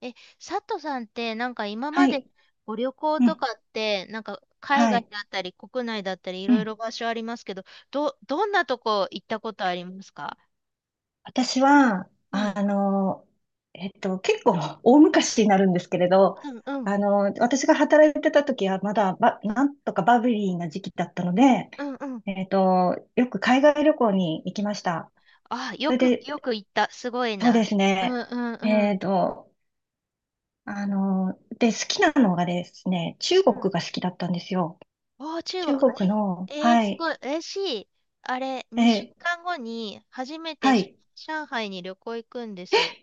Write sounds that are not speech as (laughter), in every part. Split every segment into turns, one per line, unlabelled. え、佐藤さんって今ま
は
で
い。
ご旅行
う
と
ん。
かって海
は
外
い。
だったり国内だったりい
う
ろい
ん。
ろ場所ありますけど、どんなとこ行ったことありますか？
私は、
うん。
結構大昔になるんですけれど、
うんうん。
私が働いてた時はまだなんとかバブリーな時期だったので、
うんうん。
よく海外旅行に行きました。
あ、
そ
よ
れ
く、よ
で、
く行った。すごい
そうで
な。
す
うん
ね。
うんう
えっ
ん。
と、あの、で、好きなのがですね、中
う
国
ん。
が好きだったんですよ。
おー、中
中国
国。
の、
え、えー
は
すごい。
い。
嬉しい。あれ、2
え、
週間後に初めて
は
し
い。
上海に旅行行くんですよ。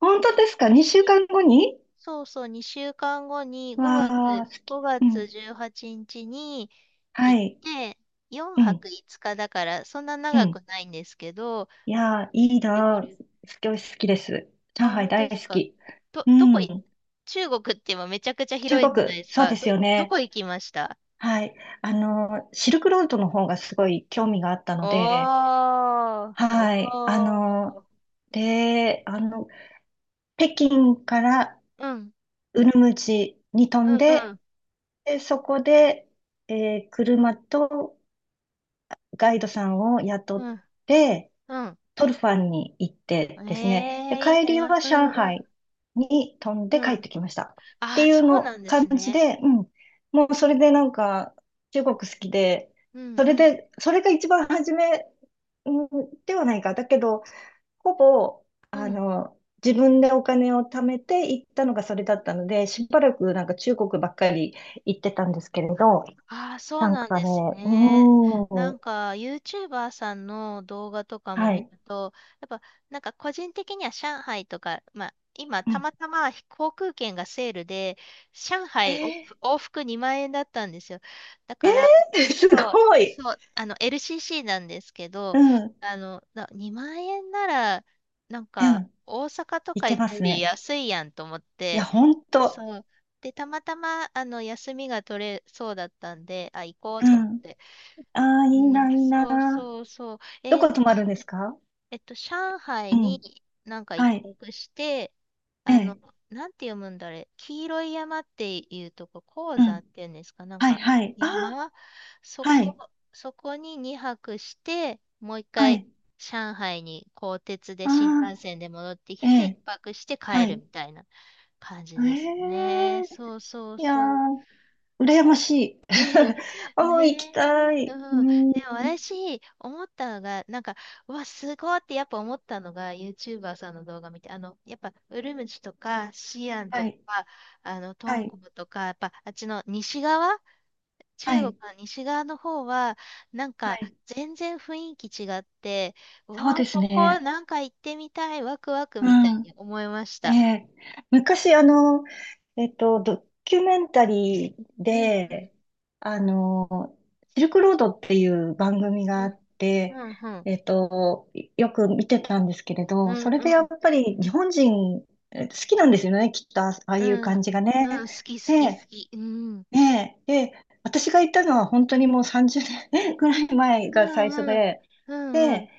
本
に
当ですか？ 2
に
週間後に。
そうそう、2週間後に
わあ、好き。
5
う
月
ん。
18日にちに
は
行っ
い。
て、4
うん。
泊5日だから、そんな
う
長
ん。
くないんですけど、
いやー、いい
で、こ
なー。
れ、
好きです。上
あ、
海
本当
大
で
好
すか。
き。
ど、
う
どこい、
ん。
中国って今めちゃくちゃ
中
広い
国、
じゃないです
そう
か。
ですよ
ど
ね。
こ行きました？
はい。あのー、シルクロードの方がすごい興味があったので、
おー、
はい。あ
お
の
ー。
ー、で、あの、北京から
うん、
ウルムチに飛
う
ん
ん、う
で、
ん、
で、そこで、車とガイドさんを雇
う
っ
ん、
て、
う
トルファンに行って
ん。え
ですね、で、
えーいい
帰り
な。
は
うん、
上
うん、
海に飛んで
うん。
帰っ
あ
てきました。っ
あ、
ていう
そうな
の
んで
感
す
じ
ね。
で、うん、もうそれでなんか中国好きで、
うん、
そ
う
れ
ん、
で、それが一番初め、うんではないか。だけど、ほぼ、
う
あ
ん。
の、自分でお金を貯めて行ったのがそれだったので、しばらくなんか中国ばっかり行ってたんですけれど、
ああ、そう
なん
なん
か
で
ね、
す
う
ね。な
ーん、
んか、YouTuber さんの動画とかも
は
見
い。
ると、やっぱ、なんか個人的には上海とか、まあ、今、
う
た
ん。
またま航空券がセールで、上海お
え
往復往2万円だったんですよ。だ
ー、
か
え
ら、
(laughs) す
そう、
ごい。
そう、あの、LCC なんですけ
う
ど、
ん、う
あの、2万円なら、なんか、
ん。
大阪と
い
か
け
行
ま
くよ
す
り
ね。
安いやんと思っ
いや、
て、
ほんと。
そう。で、たまたま、あの、休みが取れそうだったんで、あ、行こう
う
と思っ
ん。
て。
ああ、
うん、
いいな。
そうそうそう。
どこ泊まるんですか？
えっと、上
う
海に
ん。
なんか一
はい。
泊して、
え
あの、
え。
なんて読むんだあれ、黄色い山っていうとこ、黄
う
山
ん。
っていうんですか、なん
はい、
か
はい。ああ、
山、そ
は
こ、
い。
そこに2泊して、もう一
は
回
い。
上海に鋼鉄で
あ
新幹線
あ、
で戻って
え
きて、一
え。
泊して帰
は
る
い。
みたいな感じ
え
ですね。
え。
そうそう
いや
そう。
ー、羨ましい。
ええ
(laughs)
(laughs) ね
ああ、行き
え、
た
うん。で
い。
も
うん。
私、思ったのが、なんか、うわ、すごいってやっぱ思ったのが、YouTuber さんの動画見て、あの、やっぱ、ウルムチとか、シアンと
はい。
か、あの、ト
は
ン
い。
コムとか、やっぱ、あっちの西側、
は
中国
い。
の西側の方は、なん
は
か、
い。
全然雰囲気違って、う
そう
わあ、
です
ここ、
ね。
なんか行ってみたい、ワクワクみたい
うん。
に思いまし
え
た。
え。昔、ドキュメンタリー
うん、
で、あの、シルクロードっていう番組
う
があ
ん、
っ
う
て、
ん、うん、
えっと、よく見てたんですけれ
う
ど、そ
ん、
れ
うん、
で
う
や
ん、
っぱり日本人好きなんですよね、きっと、ああ
う
いう
ん、うん、
感じがね。
好き好き好
で、
き。うん、
ねえ、で、私が行ったのは本当にもう30年 (laughs) ぐらい前
う
が最初
ん、うん、
で、
うん、う
で、
ん、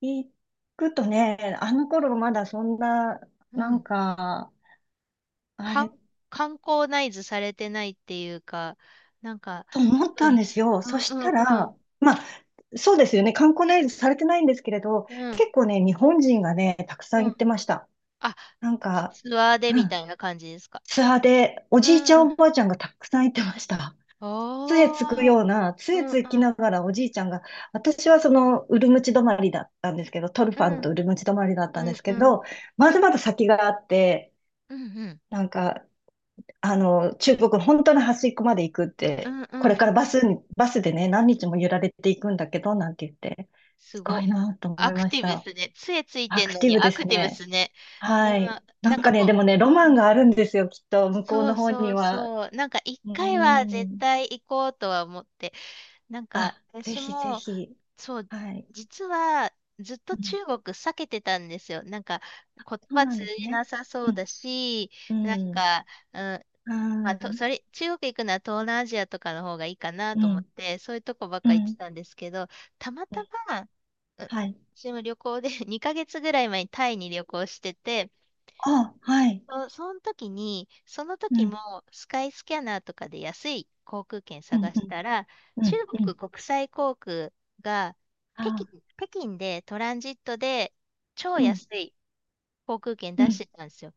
行くとね、あの頃まだそんな、
う
なん
ん。
か、あ
観
れ、
観光ナイズされてないっていうか、なんか、
と思っ
う
たん
ん、
ですよ。
う
そ
ん、
し
う
た
ん、
ら、
うん、
まあ、そうですよね、観光ナイズされてないんですけれど、
うん、
結構ね、日本人がね、たくさ
う
ん
ん。
行ってました。
あ、
なん
ツ
か、
ツアーで
う
みた
ん、
いな感じですか？
ツアーで、お
う
じいちゃん、
ん。
おばあちゃんがたくさん行ってました。杖
お
つくよ
ー。
うな、
う
杖
ん、うん、
つきながらおじいちゃんが、私はその、ウルムチ止まりだったんですけど、トルフ
う
ァンとウ
ん、
ルムチ止まりだった
う
んで
ん、
す
う
け
ん、うん、
ど、まだまだ先があって、
うん、う
なんか、中国の本当の端っこまで行くって、
ん、う
こ
ん、
れから
うん。
バスでね、何日も揺られていくんだけど、なんて言って、す
す
ご
ご。
いなと思
ア
い
ク
ま
テ
し
ィブっ
た。
すね。杖つい
ア
てん
ク
の
ティ
に
ブで
アク
す
ティブっ
ね。
すね。
はい。
な、
な
なん
ん
か
かね、で
も
もね、ロ
う、
マンがあるんですよ、きっと、向こう
そ
の
う
方
そ
に
う
は。
そう。なんか一
う
回は
ー
絶
ん。
対行こうとは思って。なんか
あ、ぜ
私
ひぜ
も、
ひ。
そう、
はい。
実はずっと
うん、
中国避けてたんですよ。なんか言
そう
葉
なん
通
です
じ
ね。
なさそ
う
う
ん、
だし、
う
なん
ん、
か、うん、
あ
まあ、
ー、
と、それ、中国行くなら東南アジアとかの方がいいかな
う
と思っ
ん、
て、そういうとこばっ
う
か行って
ん、
たんですけど、たま
う
た
ん、
ま、うん
はい。
私も旅行で (laughs) 2ヶ月ぐらい前にタイに旅行してて、
あ、はい。
その時に、その
う
時
ん、
もスカイスキャナーとかで安い航空券
うん、
探
う
した
ん、
ら、
う
中
ん、う
国
ん。
国際航空が北京、
あ
北京でトランジットで超
ー、うん、
安い航空券
う
出し
ん、
てたんですよ。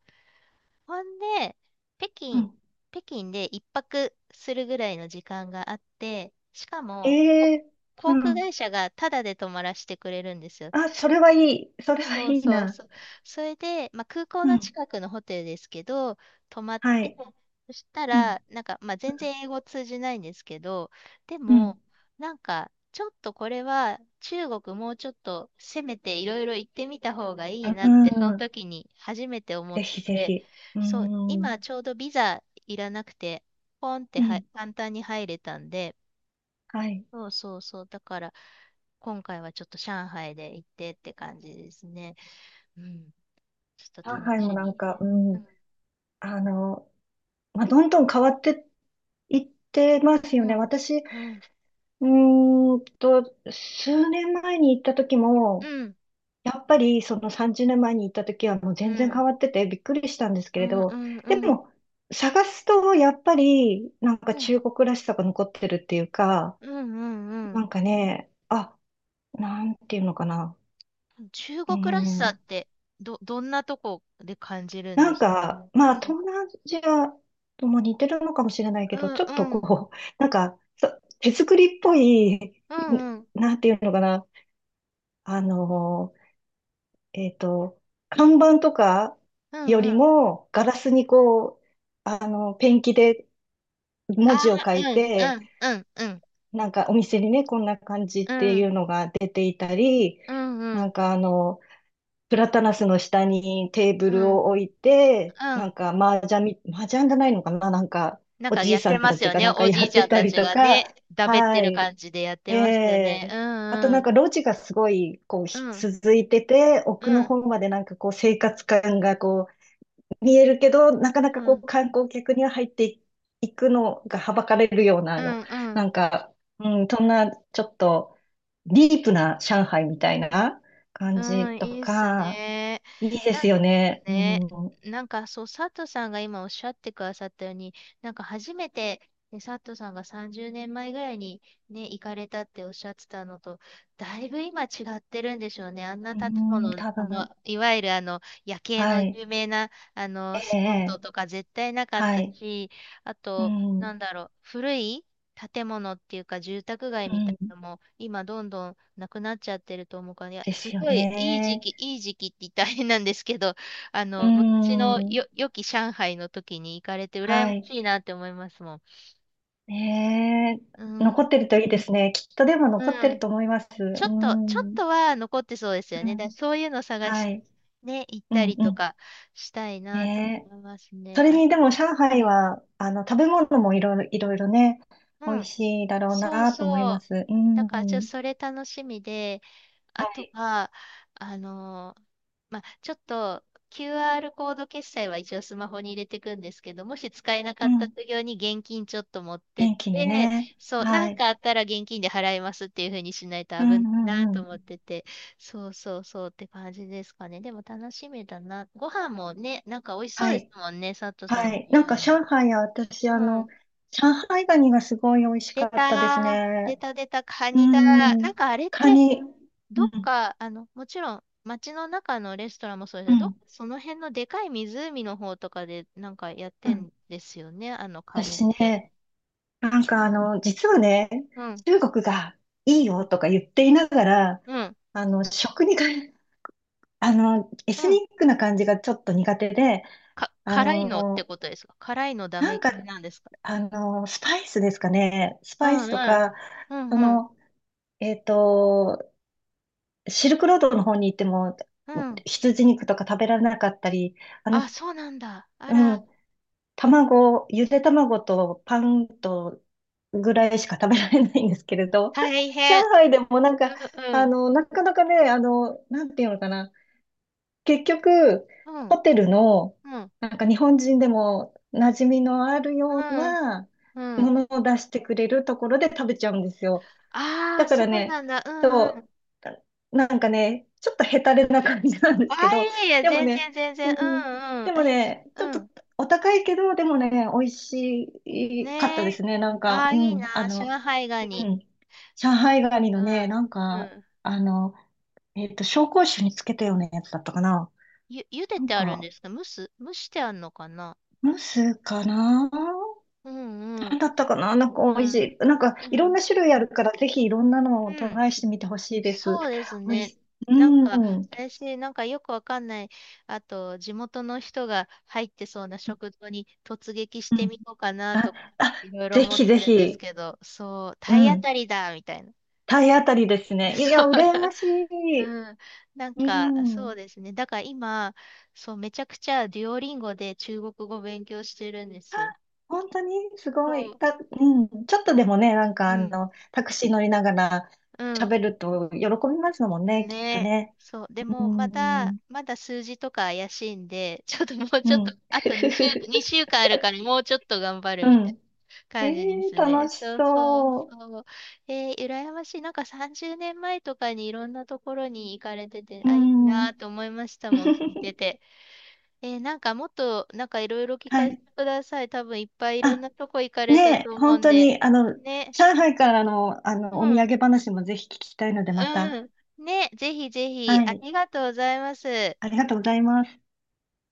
ほんで、北
う
京、
ん。
北京で一泊するぐらいの時間があって、しかも、
ええ。う
航空
ん。
会社がタダで泊まらせてくれるんですよ。
あ、それはいい。それはい
そう
い
そう
な。
そう。それで、まあ、空港
う
の
ん、
近くのホテルですけど、泊まっ
は
て、
い。
そした
うん、
ら、なんか、まあ、全然英語通じないんですけど、で
う
も、
ん、
なんか、ちょっとこれは中国もうちょっと攻めていろいろ行ってみた方がい
う
いなって、その
ん。
時に初めて思っ
ぜひぜ
て、
ひ。う
そう、
ん、
今ちょうどビザいらなくて、ポンって
う
は
ん、
簡単に入れたんで、
はい。
そうそうそう、だから、今回はちょっと上海で行ってって感じですね。うんちょっ
上
と楽
海も
し
なん
み。
か、う
う
ん、
ん。
あの、どんどん変わっていってますよ
う
ね。
ん、
私、
うん、
うーんと、数年前に行った時
う
も、
ん、
やっぱりその30年前に行った時はもう
う
全然
ん、
変わっててびっくりしたんですけ
う
れ
ん、う
ど、
ん、う
で
ん、うん、
も探すとやっぱりなん
う
か
ん、うん
中国らしさが残ってるっていうか、
うんうんうんうんうんうんう
な
ん
んかね、あ、なんていうのかな。
うんうんうん中
うー
国らしさ
ん、
ってどんなとこで感じるん
な
で
ん
すか？
か、まあ
うん、
東南アジアとも似てるのかもしれないけ
う
ど、
ん、
ちょっと
うん、
こう、(laughs) なんかそ手作りっぽい、ん、
うん、うん、
なんていうのかな。あのえっと、看板とか
う
よ
ん、う
り
ん。
も、ガラスにこう、ペンキで
あ
文字を書
あ、
い
うん、う
て、
ん、うん、うん、
なんかお店にね、こんな感じ
う
ってい
ん、
うのが出ていたり、
うん、う
なん
ん、
かあの、プラタナスの下にテーブ
う
ル
ん。
を置いて、
う
なん
ん。
か麻雀じゃないのかな、なんか
なん
お
か
じい
やっ
さ
て
ん
ま
た
す
ち
よ
が
ね。
なんか
お
や
じい
っ
ち
て
ゃん
た
た
り
ち
と
が
か、
ね、だべって
は
る
い。
感じでやって
え
ますよね。う
え、あと
ん、う
なん
ん、
か路地がすごいこう
う
ひ
ん、
続いてて、
う
奥の
ん、
方までなんかこう生活感がこう見えるけど、なかなか
う
こ
ん、
う観光客には入っていくのがはばかれるような
うん、う
な
ん、
んか、うん、そんなちょっとディープな上海みたいな
う
感じ
ん、
と
いいっす
か、
ね。
いいですよね。
ね、
う
なんかそう、佐藤さんが今おっしゃってくださったように、なんか初めて、ね、佐藤さんが30年前ぐらいにね、行かれたっておっしゃってたのと、だいぶ今違ってるんでしょうね。あんな建
ん、
物、
多
あの、
分、
いわゆるあの、夜景
は
の
い。
有名な、あ
え
の、スポット
え。
とか絶対なかっ
は
た
い。
し、あ
う
と、
ん、
な
う
んだろう、古い建物っていうか住宅街みたい
ん、
なのも今どんどんなくなっちゃってると思うから、いや、
で
す
すよ
ごいいい時
ね。
期、いい時期って言ったら変なんですけど、あ
う
の、昔の
ん。
よ、良き上海の時に行かれて
は
羨ま
い。
しいなって思いますもん。
ね
う
え、残
ん。
ってるといいですね。きっとでも残って
う
る
ん。
と思います。
ちょ
う
っと、ちょっ
ん。う
とは残ってそうですよね。だから
ん。
そういうの探
は
して、
い。
ね、行っ
う
た
ん、
り
う
と
ん。
かしたいなと
ねえ。
思います
そ
ね。
れ
あ、
にでも上
う
海
ん。
は、食べ物もいろいろ、いろいろね、美
う
味
ん。
しいだろう
そう
なと思い
そ
ま
う。
す。う
だから、ちょっと
ん。
それ楽しみで、
は
あと
い。
は、あのーまあ、ちょっと QR コード決済は一応スマホに入れていくんですけど、もし使えなか
う
った
ん。
時用に現金ちょっと持ってっ
元気で
て、
ね。
そう、な
は
ん
い。
かあったら現金で払いますっていう風にしないと
うん、
危ないな
うん、う
と思っ
ん。
てて、そうそうそうって感じですかね。でも楽しみだな。ご飯もね、なんか美味しそ
は
うです
い。
もんね、佐藤さん
は
も
い。
言う
なん
よ
か
うに。
上海は私、
うん。
上海ガニがすごい美味し
出
かったです
たー。出
ね。
た出た、カ
う
ニだ。な
ん。
んかあれっ
カ
て、
ニ。
ど
う
っ
ん
か、あの、もちろん、街の中のレストランもそうです
う
けど、どっか
ん、
その辺のでかい湖の方とかでなんかやっ
う
て
ん、
んですよね、あのカニっ
私
て。
ね、実はね、
うん、
中国がいい
う
よ
ん、
とか言っていながら、
うん、
あの、食にか、(laughs) エス
うん。
ニックな感じがちょっと苦手で、あ
辛いのって
の、
ことですか？辛いのダ
な
メ
んか、
系なんですか？
スパイスですかね、ス
う
パイ
ん、
スと
うん、
か、
うん、
そ
うん、
の、えっと、シルクロードの方に行っても、
うん。
羊肉とか食べられなかったり、あの、
あ、そうなんだ。あ
う
ら、
ん、卵、ゆで卵とパンとぐらいしか食べられないんですけれど、
大
(laughs) 上
変。
海でもなん
う
か、
ん、うん、
なかなかね、なんていうのかな、結局、
う
ホ
ん、
テルの、
うん、
なんか日本人でも馴染みのあるよう
うん。
な
う
も
ん。
のを出してくれるところで食べちゃうんですよ。
あ
だ
あ、
か
そ
ら
うな
ね、
んだ。うんうん。
そう、なんかね、ちょっとヘタレな感じなんで
あ
すけ
あ、
ど、
いやいや、
でも
全
ね、
然全
う
然。う
ん、
んうん。
でも
え、
ね、ちょっ
う
と
ん。
お高いけど、でもね、美味しかった
ね
で
え。
すね。
ああ、いいな。上海ガ
う
ニ。
ん、上海ガニの
う
ね、
ん。うん。
あの、紹興酒につけたようなやつだったかな。
茹で
なん
てあるん
か、
ですか？蒸してあるのかな？
ムスかな。
うんう
な
ん。
んだったかな。なんか
う
美味し
ん。
い。なんか、い
う
ろん
ん。
な種類あるから、ぜひいろんなのを
う
トライ
ん。
してみてほしいです。
そうです
美味し
ね。
い。
なんか、
うん。
私、なんかよくわかんない、あと、地元の人が入ってそうな
う
食堂に突撃して
ん。
みようかな
あ、
とか、
あ、
いろいろ
ぜ
思っ
ひぜ
てるんです
ひ。
けど、そう、
う
体当
ん。
たりだみたいな。
体当たりです
(laughs)
ね。い
そう。
や、羨ましい。
うん。なん
う
か、そう
ん。
ですね。だから今、そう、めちゃくちゃデュオリンゴで中国語勉強してるんで
あ、
すよ。
本当にす
そ
ごい。
う。
うん。ちょっとでもね、
うん。
タクシー乗りながら
うん。
喋ると喜びますもんね、きっと
ね。
ね。
そう。で
う
も、まだ、
ん。
まだ数字とか怪しいんで、ちょっともう
う
ちょっと、
ん。
あと2週、
(laughs)
2週間あるからもうちょっと頑張る
う
みたいな
ん。(laughs)
感じで
えー、
す
楽
ね。
し
そうそう
そ
そう。えー、羨ましい。なんか30年前とかにいろんなところに行かれてて、
う。う
あ、いい
ん。
なと思いましたもん、聞いて
(laughs)
て。えーなんかもっと、なんかいろいろ聞
は
かせ
い。
てください。多分いっぱいいろん
あ、
なとこ行かれた
ね
と
え、
思う
本
ん
当
で。
に、
ね。
上海からの、
う
お土
ん。
産話もぜひ聞きたいので、また。
うん。ね。ぜひぜひ、
は
あ
い。
りがとうございます。
ありがとうございます。